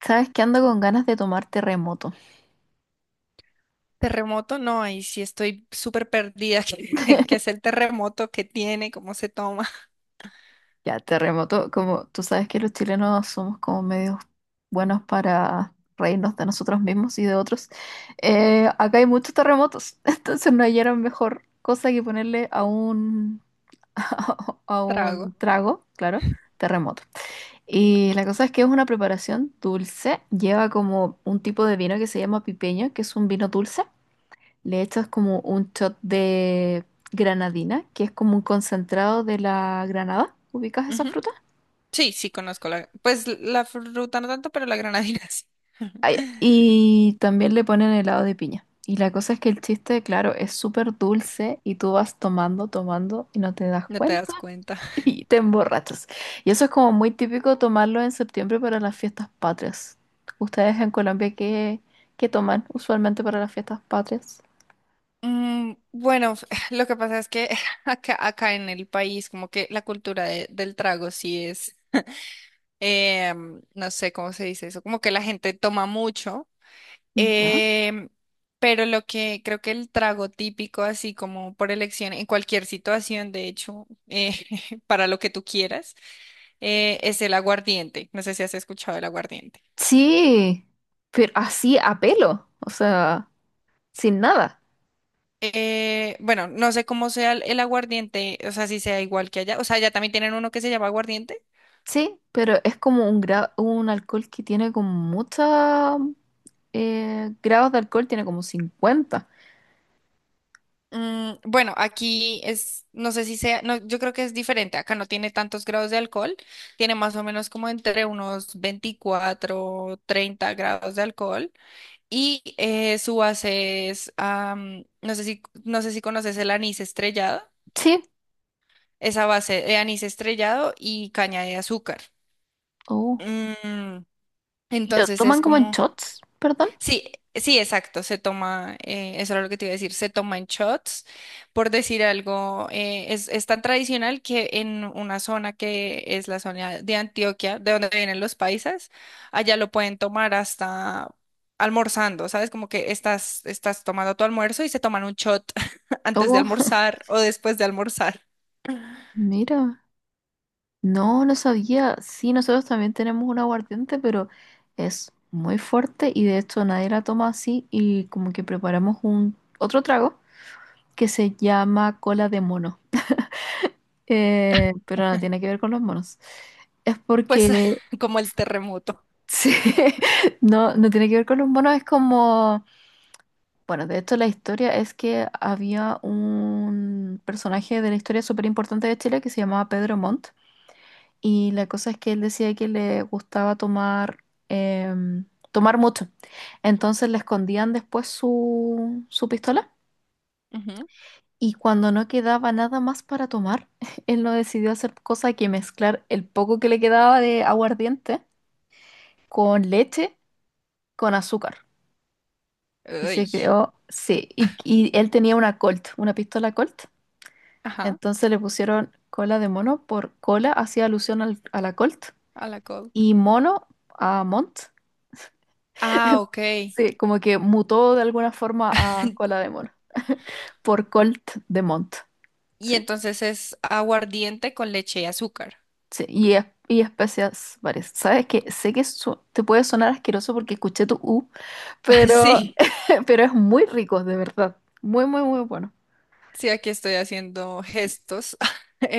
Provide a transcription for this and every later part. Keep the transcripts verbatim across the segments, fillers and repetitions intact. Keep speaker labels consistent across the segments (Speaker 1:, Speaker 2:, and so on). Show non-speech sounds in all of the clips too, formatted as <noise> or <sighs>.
Speaker 1: Sabes que ando con ganas de tomar terremoto.
Speaker 2: Terremoto, no, ahí sí estoy súper perdida. <laughs> ¿Qué, qué es el terremoto? ¿Qué tiene? ¿Cómo se toma? <laughs>
Speaker 1: Ya, terremoto, como tú sabes que los chilenos somos como medios buenos para reírnos de nosotros mismos y de otros. Eh, acá hay muchos terremotos, <laughs> entonces no hallaron mejor cosa que ponerle a un, <laughs> a un
Speaker 2: Trago.
Speaker 1: trago, claro, terremoto. Y la cosa es que es una preparación dulce, lleva como un tipo de vino que se llama pipeño, que es un vino dulce. Le echas como un shot de granadina, que es como un concentrado de la granada. ¿Ubicas esa
Speaker 2: Ujú.
Speaker 1: fruta?
Speaker 2: Sí, sí, conozco la. Pues la fruta no tanto, pero la granadina sí.
Speaker 1: Ah, ya.
Speaker 2: <laughs>
Speaker 1: Y también le ponen helado de piña. Y la cosa es que el chiste, claro, es súper dulce y tú vas tomando, tomando y no te das
Speaker 2: No te
Speaker 1: cuenta
Speaker 2: das cuenta.
Speaker 1: <laughs> y te emborrachas. Y eso es como muy típico tomarlo en septiembre para las fiestas patrias. ¿Ustedes en Colombia qué, qué toman usualmente para las fiestas patrias?
Speaker 2: Mm, bueno, f- <sighs> lo que pasa es que <laughs> acá, acá en el país, como que la cultura de- del trago sí es, em, no sé cómo se dice eso, como que la gente toma mucho.
Speaker 1: Ya.
Speaker 2: Em, pero lo que creo que el trago típico, así como por elección, en cualquier situación, de hecho, eh, <laughs> para lo que tú quieras, eh, es el aguardiente. No sé si has escuchado el aguardiente.
Speaker 1: Sí, pero así a pelo. O sea, sin nada.
Speaker 2: Eh, bueno, no sé cómo sea el, el aguardiente, o sea, si sea igual que allá. O sea, allá también tienen uno que se llama aguardiente.
Speaker 1: Sí, pero es como un, gra- un alcohol que tiene como mucha eh, grados de alcohol, tiene como cincuenta.
Speaker 2: Mm, bueno, aquí es, no sé si sea, no, yo creo que es diferente. Acá no tiene tantos grados de alcohol, tiene más o menos como entre unos veinticuatro treinta grados de alcohol. Y eh, su base es, am, no sé si, no sé si conoces el anís estrellado,
Speaker 1: Sí,
Speaker 2: esa base de anís estrellado y caña de azúcar.
Speaker 1: oh,
Speaker 2: Mm,
Speaker 1: ¿y lo
Speaker 2: entonces es
Speaker 1: toman como en
Speaker 2: como.
Speaker 1: shots, perdón?
Speaker 2: Sí, sí, exacto, se toma, eh, eso era lo que te iba a decir, se toma en shots, por decir algo, eh, es, es tan tradicional que en una zona que es la zona de Antioquia, de donde vienen los paisas, allá lo pueden tomar hasta almorzando, ¿sabes? Como que estás, estás tomando tu almuerzo y se toman un shot <laughs> antes de
Speaker 1: Oh, <laughs>
Speaker 2: almorzar o después de almorzar,
Speaker 1: mira, no, no sabía. Sí, nosotros también tenemos un aguardiente, pero es muy fuerte y de hecho nadie la toma así y como que preparamos un otro trago que se llama cola de mono. Eh, pero no tiene que ver con los monos. Es
Speaker 2: pues
Speaker 1: porque,
Speaker 2: <laughs> como el terremoto.
Speaker 1: sí, <laughs> no, no tiene que ver con los monos, es como, bueno, de hecho la historia es que había un personaje de la historia súper importante de Chile que se llamaba Pedro Montt y la cosa es que él decía que le gustaba tomar, em, tomar mucho, entonces le escondían después su, su pistola
Speaker 2: Ujú.
Speaker 1: y cuando no quedaba nada más para tomar, <laughs> él no decidió hacer cosa que mezclar el poco que le quedaba de aguardiente con leche, con azúcar. Y
Speaker 2: Uy.
Speaker 1: se creó, sí, y, y él tenía una Colt, una pistola Colt.
Speaker 2: Ajá,
Speaker 1: Entonces le pusieron cola de mono por cola, hacía alusión al- a la Colt,
Speaker 2: a la cold.
Speaker 1: y mono a Mont.
Speaker 2: Ah, ok.
Speaker 1: Sí, como que mutó de alguna forma a
Speaker 2: <laughs>
Speaker 1: cola de mono, por Colt de Mont.
Speaker 2: Y
Speaker 1: Sí,
Speaker 2: entonces es aguardiente con leche y azúcar.
Speaker 1: sí, y, es- y especias varias. Sabes que sé que su- te puede sonar asqueroso porque escuché tu U,
Speaker 2: <laughs>
Speaker 1: pero,
Speaker 2: Sí,
Speaker 1: <laughs> pero es muy rico, de verdad. Muy, muy, muy bueno.
Speaker 2: sí, aquí estoy haciendo
Speaker 1: Y,
Speaker 2: gestos. <laughs>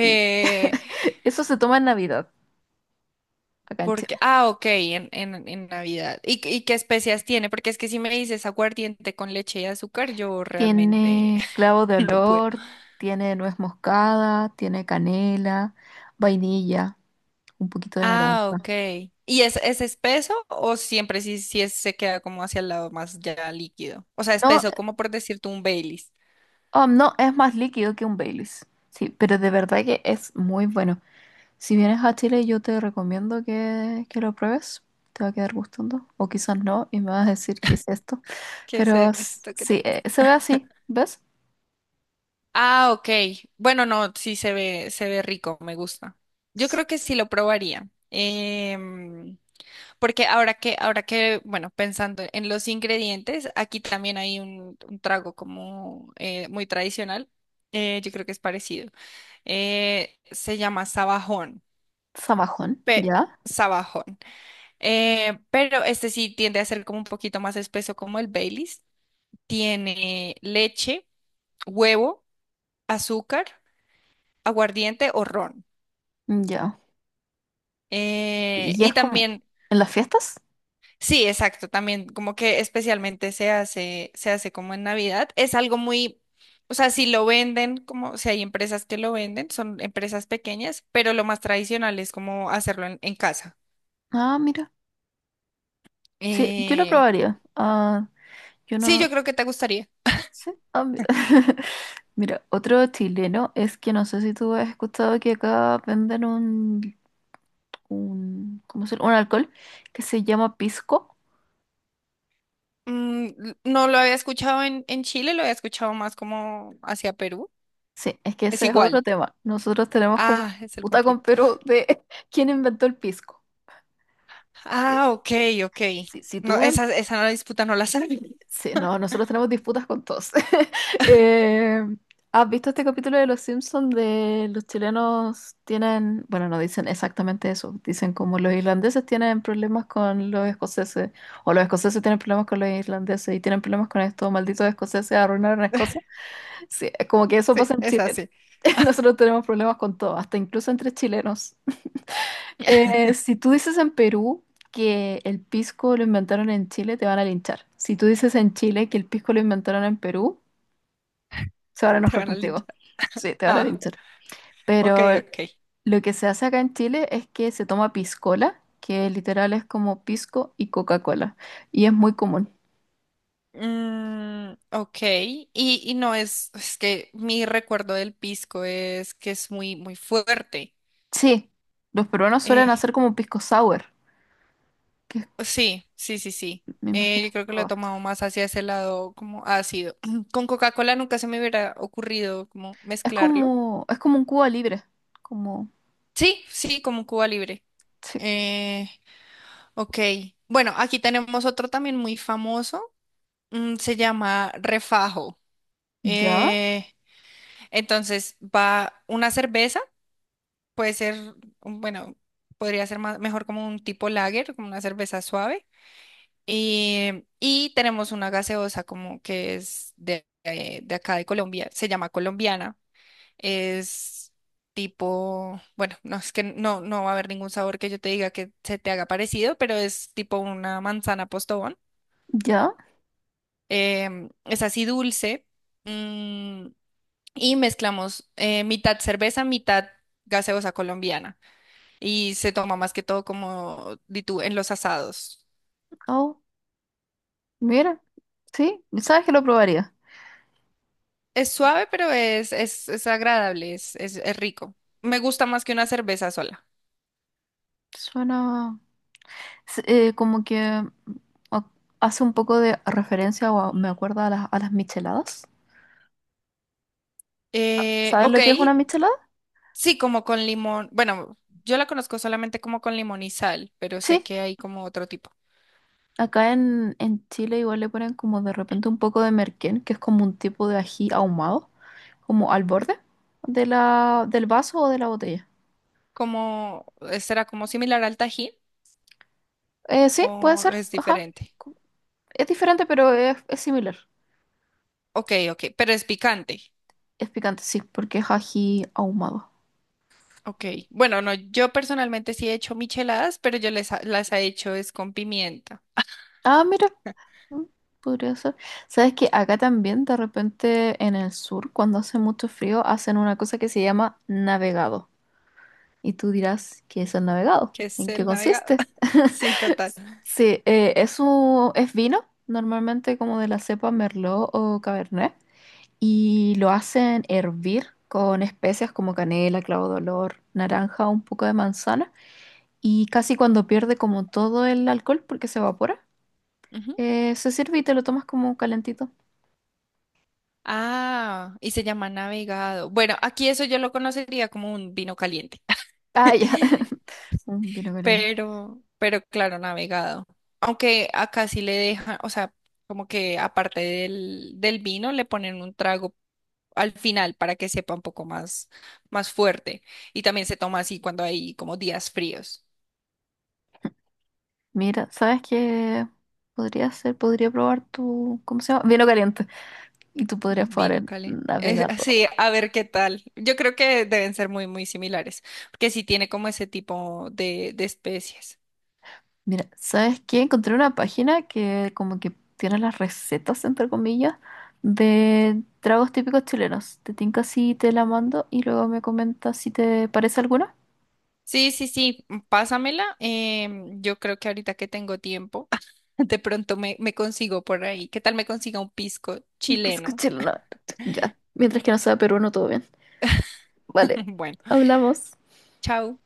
Speaker 1: y <laughs> eso se toma en Navidad, acá en
Speaker 2: Porque,
Speaker 1: Chile.
Speaker 2: ah, ok, en, en, en Navidad. ¿Y, qué- y qué especias tiene? Porque es que si me dices aguardiente con leche y azúcar, yo realmente
Speaker 1: Tiene
Speaker 2: <laughs>
Speaker 1: clavo de
Speaker 2: no puedo.
Speaker 1: olor, tiene nuez moscada, tiene canela, vainilla, un poquito de
Speaker 2: Ah,
Speaker 1: naranja.
Speaker 2: ok. ¿Y es, es espeso o siempre sí, sí es- se queda como hacia el lado más ya líquido? O sea,
Speaker 1: No,
Speaker 2: espeso, como por decirte un Baileys.
Speaker 1: oh, no, es más líquido que un Baileys. Sí, pero de verdad que es muy bueno. Si vienes a Chile, yo te recomiendo que, que lo pruebes. Te va a quedar gustando. O quizás no, y me vas a decir qué es esto.
Speaker 2: ¿Qué es
Speaker 1: Pero s-
Speaker 2: esto? ¿Qué te
Speaker 1: sí,
Speaker 2: pasa?
Speaker 1: eh, se ve así, ¿ves?
Speaker 2: Ah, ok. Bueno, no, sí se ve, se ve rico, me gusta. Yo
Speaker 1: S-
Speaker 2: creo que sí lo probaría. em, Porque ahora que, ahora que, bueno, pensando en los ingredientes, aquí también hay un, un trago como eh, muy tradicional. Eh, yo creo que es parecido. Eh, se llama sabajón.
Speaker 1: ¿Zamajón,
Speaker 2: Pe-
Speaker 1: ya?
Speaker 2: Sabajón. Eh, pero este sí tiende a ser como un poquito más espeso como el Baileys. Tiene leche, huevo, azúcar, aguardiente o ron.
Speaker 1: Ya.
Speaker 2: Eh,
Speaker 1: ¿Y
Speaker 2: y
Speaker 1: es como
Speaker 2: también,
Speaker 1: en las fiestas?
Speaker 2: sí, exacto, también como que especialmente se hace, se hace como en Navidad. Es algo muy, o sea, si lo venden, como, o sea, hay empresas que lo venden, son empresas pequeñas, pero lo más tradicional es como hacerlo en, en casa.
Speaker 1: Ah, mira. Sí, yo lo
Speaker 2: Eh,
Speaker 1: probaría. Ah, yo
Speaker 2: sí,
Speaker 1: no.
Speaker 2: yo creo que te gustaría.
Speaker 1: Sí. Ah, mira. <laughs> Mira, otro chileno es que no sé si tú has escuchado que acá venden un, un, ¿cómo se llama? Un alcohol que se llama pisco.
Speaker 2: Mm, l- no lo había escuchado en, en Chile, lo había escuchado más como hacia Perú.
Speaker 1: Sí, es que
Speaker 2: Es
Speaker 1: ese es
Speaker 2: igual.
Speaker 1: otro tema. Nosotros tenemos como una
Speaker 2: Ah, es el
Speaker 1: disputa con
Speaker 2: conflicto.
Speaker 1: Perú
Speaker 2: <laughs>
Speaker 1: de <laughs> quién inventó el pisco. Sí.
Speaker 2: Ah, ok, ok.
Speaker 1: Si, si
Speaker 2: No,
Speaker 1: tú en
Speaker 2: esa, esa disputa no la sabía.
Speaker 1: sí, no, nosotros tenemos disputas con todos. <laughs> Eh, ¿has visto este capítulo de Los Simpsons de los chilenos tienen, bueno, no dicen exactamente eso, dicen como los irlandeses tienen problemas con los escoceses, o los escoceses tienen problemas con los irlandeses y tienen problemas con estos malditos escoceses arruinaron a Escocia?
Speaker 2: <laughs>
Speaker 1: Sí, es como que eso pasa
Speaker 2: Sí,
Speaker 1: en
Speaker 2: es
Speaker 1: Chile.
Speaker 2: así.
Speaker 1: <laughs> Nosotros tenemos problemas con todo, hasta incluso entre chilenos.
Speaker 2: <laughs>
Speaker 1: Eh, si tú dices en Perú que el pisco lo inventaron en Chile, te van a linchar. Si tú dices en Chile que el pisco lo inventaron en Perú, se van a
Speaker 2: <laughs> Te
Speaker 1: enojar
Speaker 2: van a
Speaker 1: contigo.
Speaker 2: linchar.
Speaker 1: Sí, te van a
Speaker 2: Ah,
Speaker 1: linchar.
Speaker 2: ok,
Speaker 1: Pero
Speaker 2: ok.
Speaker 1: lo que se hace acá en Chile es que se toma piscola, que literal es como pisco y Coca-Cola. Y es muy común.
Speaker 2: Mm, ok, y, y no es, es que mi recuerdo del pisco es que es muy, muy fuerte.
Speaker 1: Sí, los peruanos suelen
Speaker 2: Eh,
Speaker 1: hacer como pisco sour, que es-
Speaker 2: sí, sí, sí, sí.
Speaker 1: me
Speaker 2: Eh,
Speaker 1: imagino
Speaker 2: yo
Speaker 1: que
Speaker 2: creo que lo he
Speaker 1: probaste.
Speaker 2: tomado más hacia ese lado como ácido. <clears throat> Con Coca-Cola nunca se me hubiera ocurrido como
Speaker 1: Es
Speaker 2: mezclarlo.
Speaker 1: como, es como un Cuba libre. Como,
Speaker 2: Sí, sí, como Cuba Libre.
Speaker 1: sí.
Speaker 2: Eh, ok, bueno, aquí tenemos otro también muy famoso. Mm, se llama Refajo.
Speaker 1: ¿Ya?
Speaker 2: Eh, Entonces va una cerveza, puede ser, bueno, podría ser más, mejor como un tipo lager, como una cerveza suave. Y, y tenemos una gaseosa como que es de, eh, de acá de Colombia, se llama colombiana. Es tipo, bueno, no es que no, no va a haber ningún sabor que yo te diga que se te haga parecido, pero es tipo una manzana postobón.
Speaker 1: ¿Ya?
Speaker 2: Em, es así dulce. mm, y mezclamos eh, mitad cerveza, mitad gaseosa colombiana y se toma más que todo como di tú, en los asados.
Speaker 1: Oh. Mira, sí, sabes que lo probaría.
Speaker 2: Es suave, pero es, es, es agradable, es, es, es rico. Me gusta más que una cerveza sola.
Speaker 1: Suena s- eh, como que a- hace un poco de referencia o a- me acuerda a las, a las micheladas.
Speaker 2: Eh,
Speaker 1: ¿Sabes
Speaker 2: ok,
Speaker 1: lo que es una michelada?
Speaker 2: sí, como con limón. Bueno, yo la conozco solamente como con limón y sal, pero sé
Speaker 1: Sí,
Speaker 2: que hay como otro tipo.
Speaker 1: acá en, en Chile igual le ponen como de repente un poco de merquén, que es como un tipo de ají ahumado, como al borde de la, del vaso o de la botella.
Speaker 2: Como, ¿será como similar al Tajín
Speaker 1: Eh, sí, puede
Speaker 2: o
Speaker 1: ser,
Speaker 2: es
Speaker 1: ajá.
Speaker 2: diferente?
Speaker 1: Co- Es diferente, pero es, es similar.
Speaker 2: Ok, ok, pero es picante.
Speaker 1: Es picante, sí, porque es ají ahumado.
Speaker 2: Ok, bueno, no, yo personalmente sí he hecho micheladas, pero yo les ha- las he hecho es con pimienta,
Speaker 1: Ah, mira. Mm, podría ser. ¿Sabes que acá también de repente en el sur, cuando hace mucho frío, hacen una cosa que se llama navegado? Y tú dirás, ¿qué es el navegado?
Speaker 2: que es
Speaker 1: ¿En qué
Speaker 2: el navegado.
Speaker 1: consiste?
Speaker 2: <laughs> Sí, total.
Speaker 1: <laughs> Sí, eh, es un- es vino, normalmente como de la cepa Merlot o Cabernet, y lo hacen hervir con especias como canela, clavo de olor, naranja, un poco de manzana, y casi cuando pierde como todo el alcohol porque se evapora,
Speaker 2: Ujú.
Speaker 1: eh, se sirve y te lo tomas como calentito.
Speaker 2: Ah, y se llama navegado. Bueno, aquí eso yo lo conocería como un vino caliente,
Speaker 1: Ah, ya.
Speaker 2: <laughs>
Speaker 1: <laughs> Un vino caliente.
Speaker 2: pero, pero claro, navegado. Aunque acá sí le dejan, o sea, como que aparte del, del vino le ponen un trago al final para que sepa un poco más, más fuerte. Y también se toma así cuando hay como días fríos.
Speaker 1: Mira, ¿sabes qué podría hacer? Podría probar tu, ¿cómo se llama? Vino caliente. Y tú podrías probar
Speaker 2: Vino
Speaker 1: el
Speaker 2: Cali. Es,
Speaker 1: navegador.
Speaker 2: sí, a ver qué tal. Yo creo que deben ser muy, muy similares, porque sí tiene como ese tipo de, de especies.
Speaker 1: Mira, ¿sabes qué? Encontré una página que como que tiene las recetas, entre comillas, de tragos típicos chilenos. Te tinca si te la mando y luego me comentas si te parece alguna.
Speaker 2: Sí, sí, sí, mm, pásamela. Em, yo creo que ahorita que tengo tiempo, <laughs> de pronto me, me consigo por ahí. ¿Qué tal me consiga un pisco
Speaker 1: Un pisco
Speaker 2: chileno?
Speaker 1: chileno. Ya. Mientras que no sea peruano, todo bien.
Speaker 2: <laughs>
Speaker 1: Vale.
Speaker 2: Bueno,
Speaker 1: Hablamos.
Speaker 2: chao.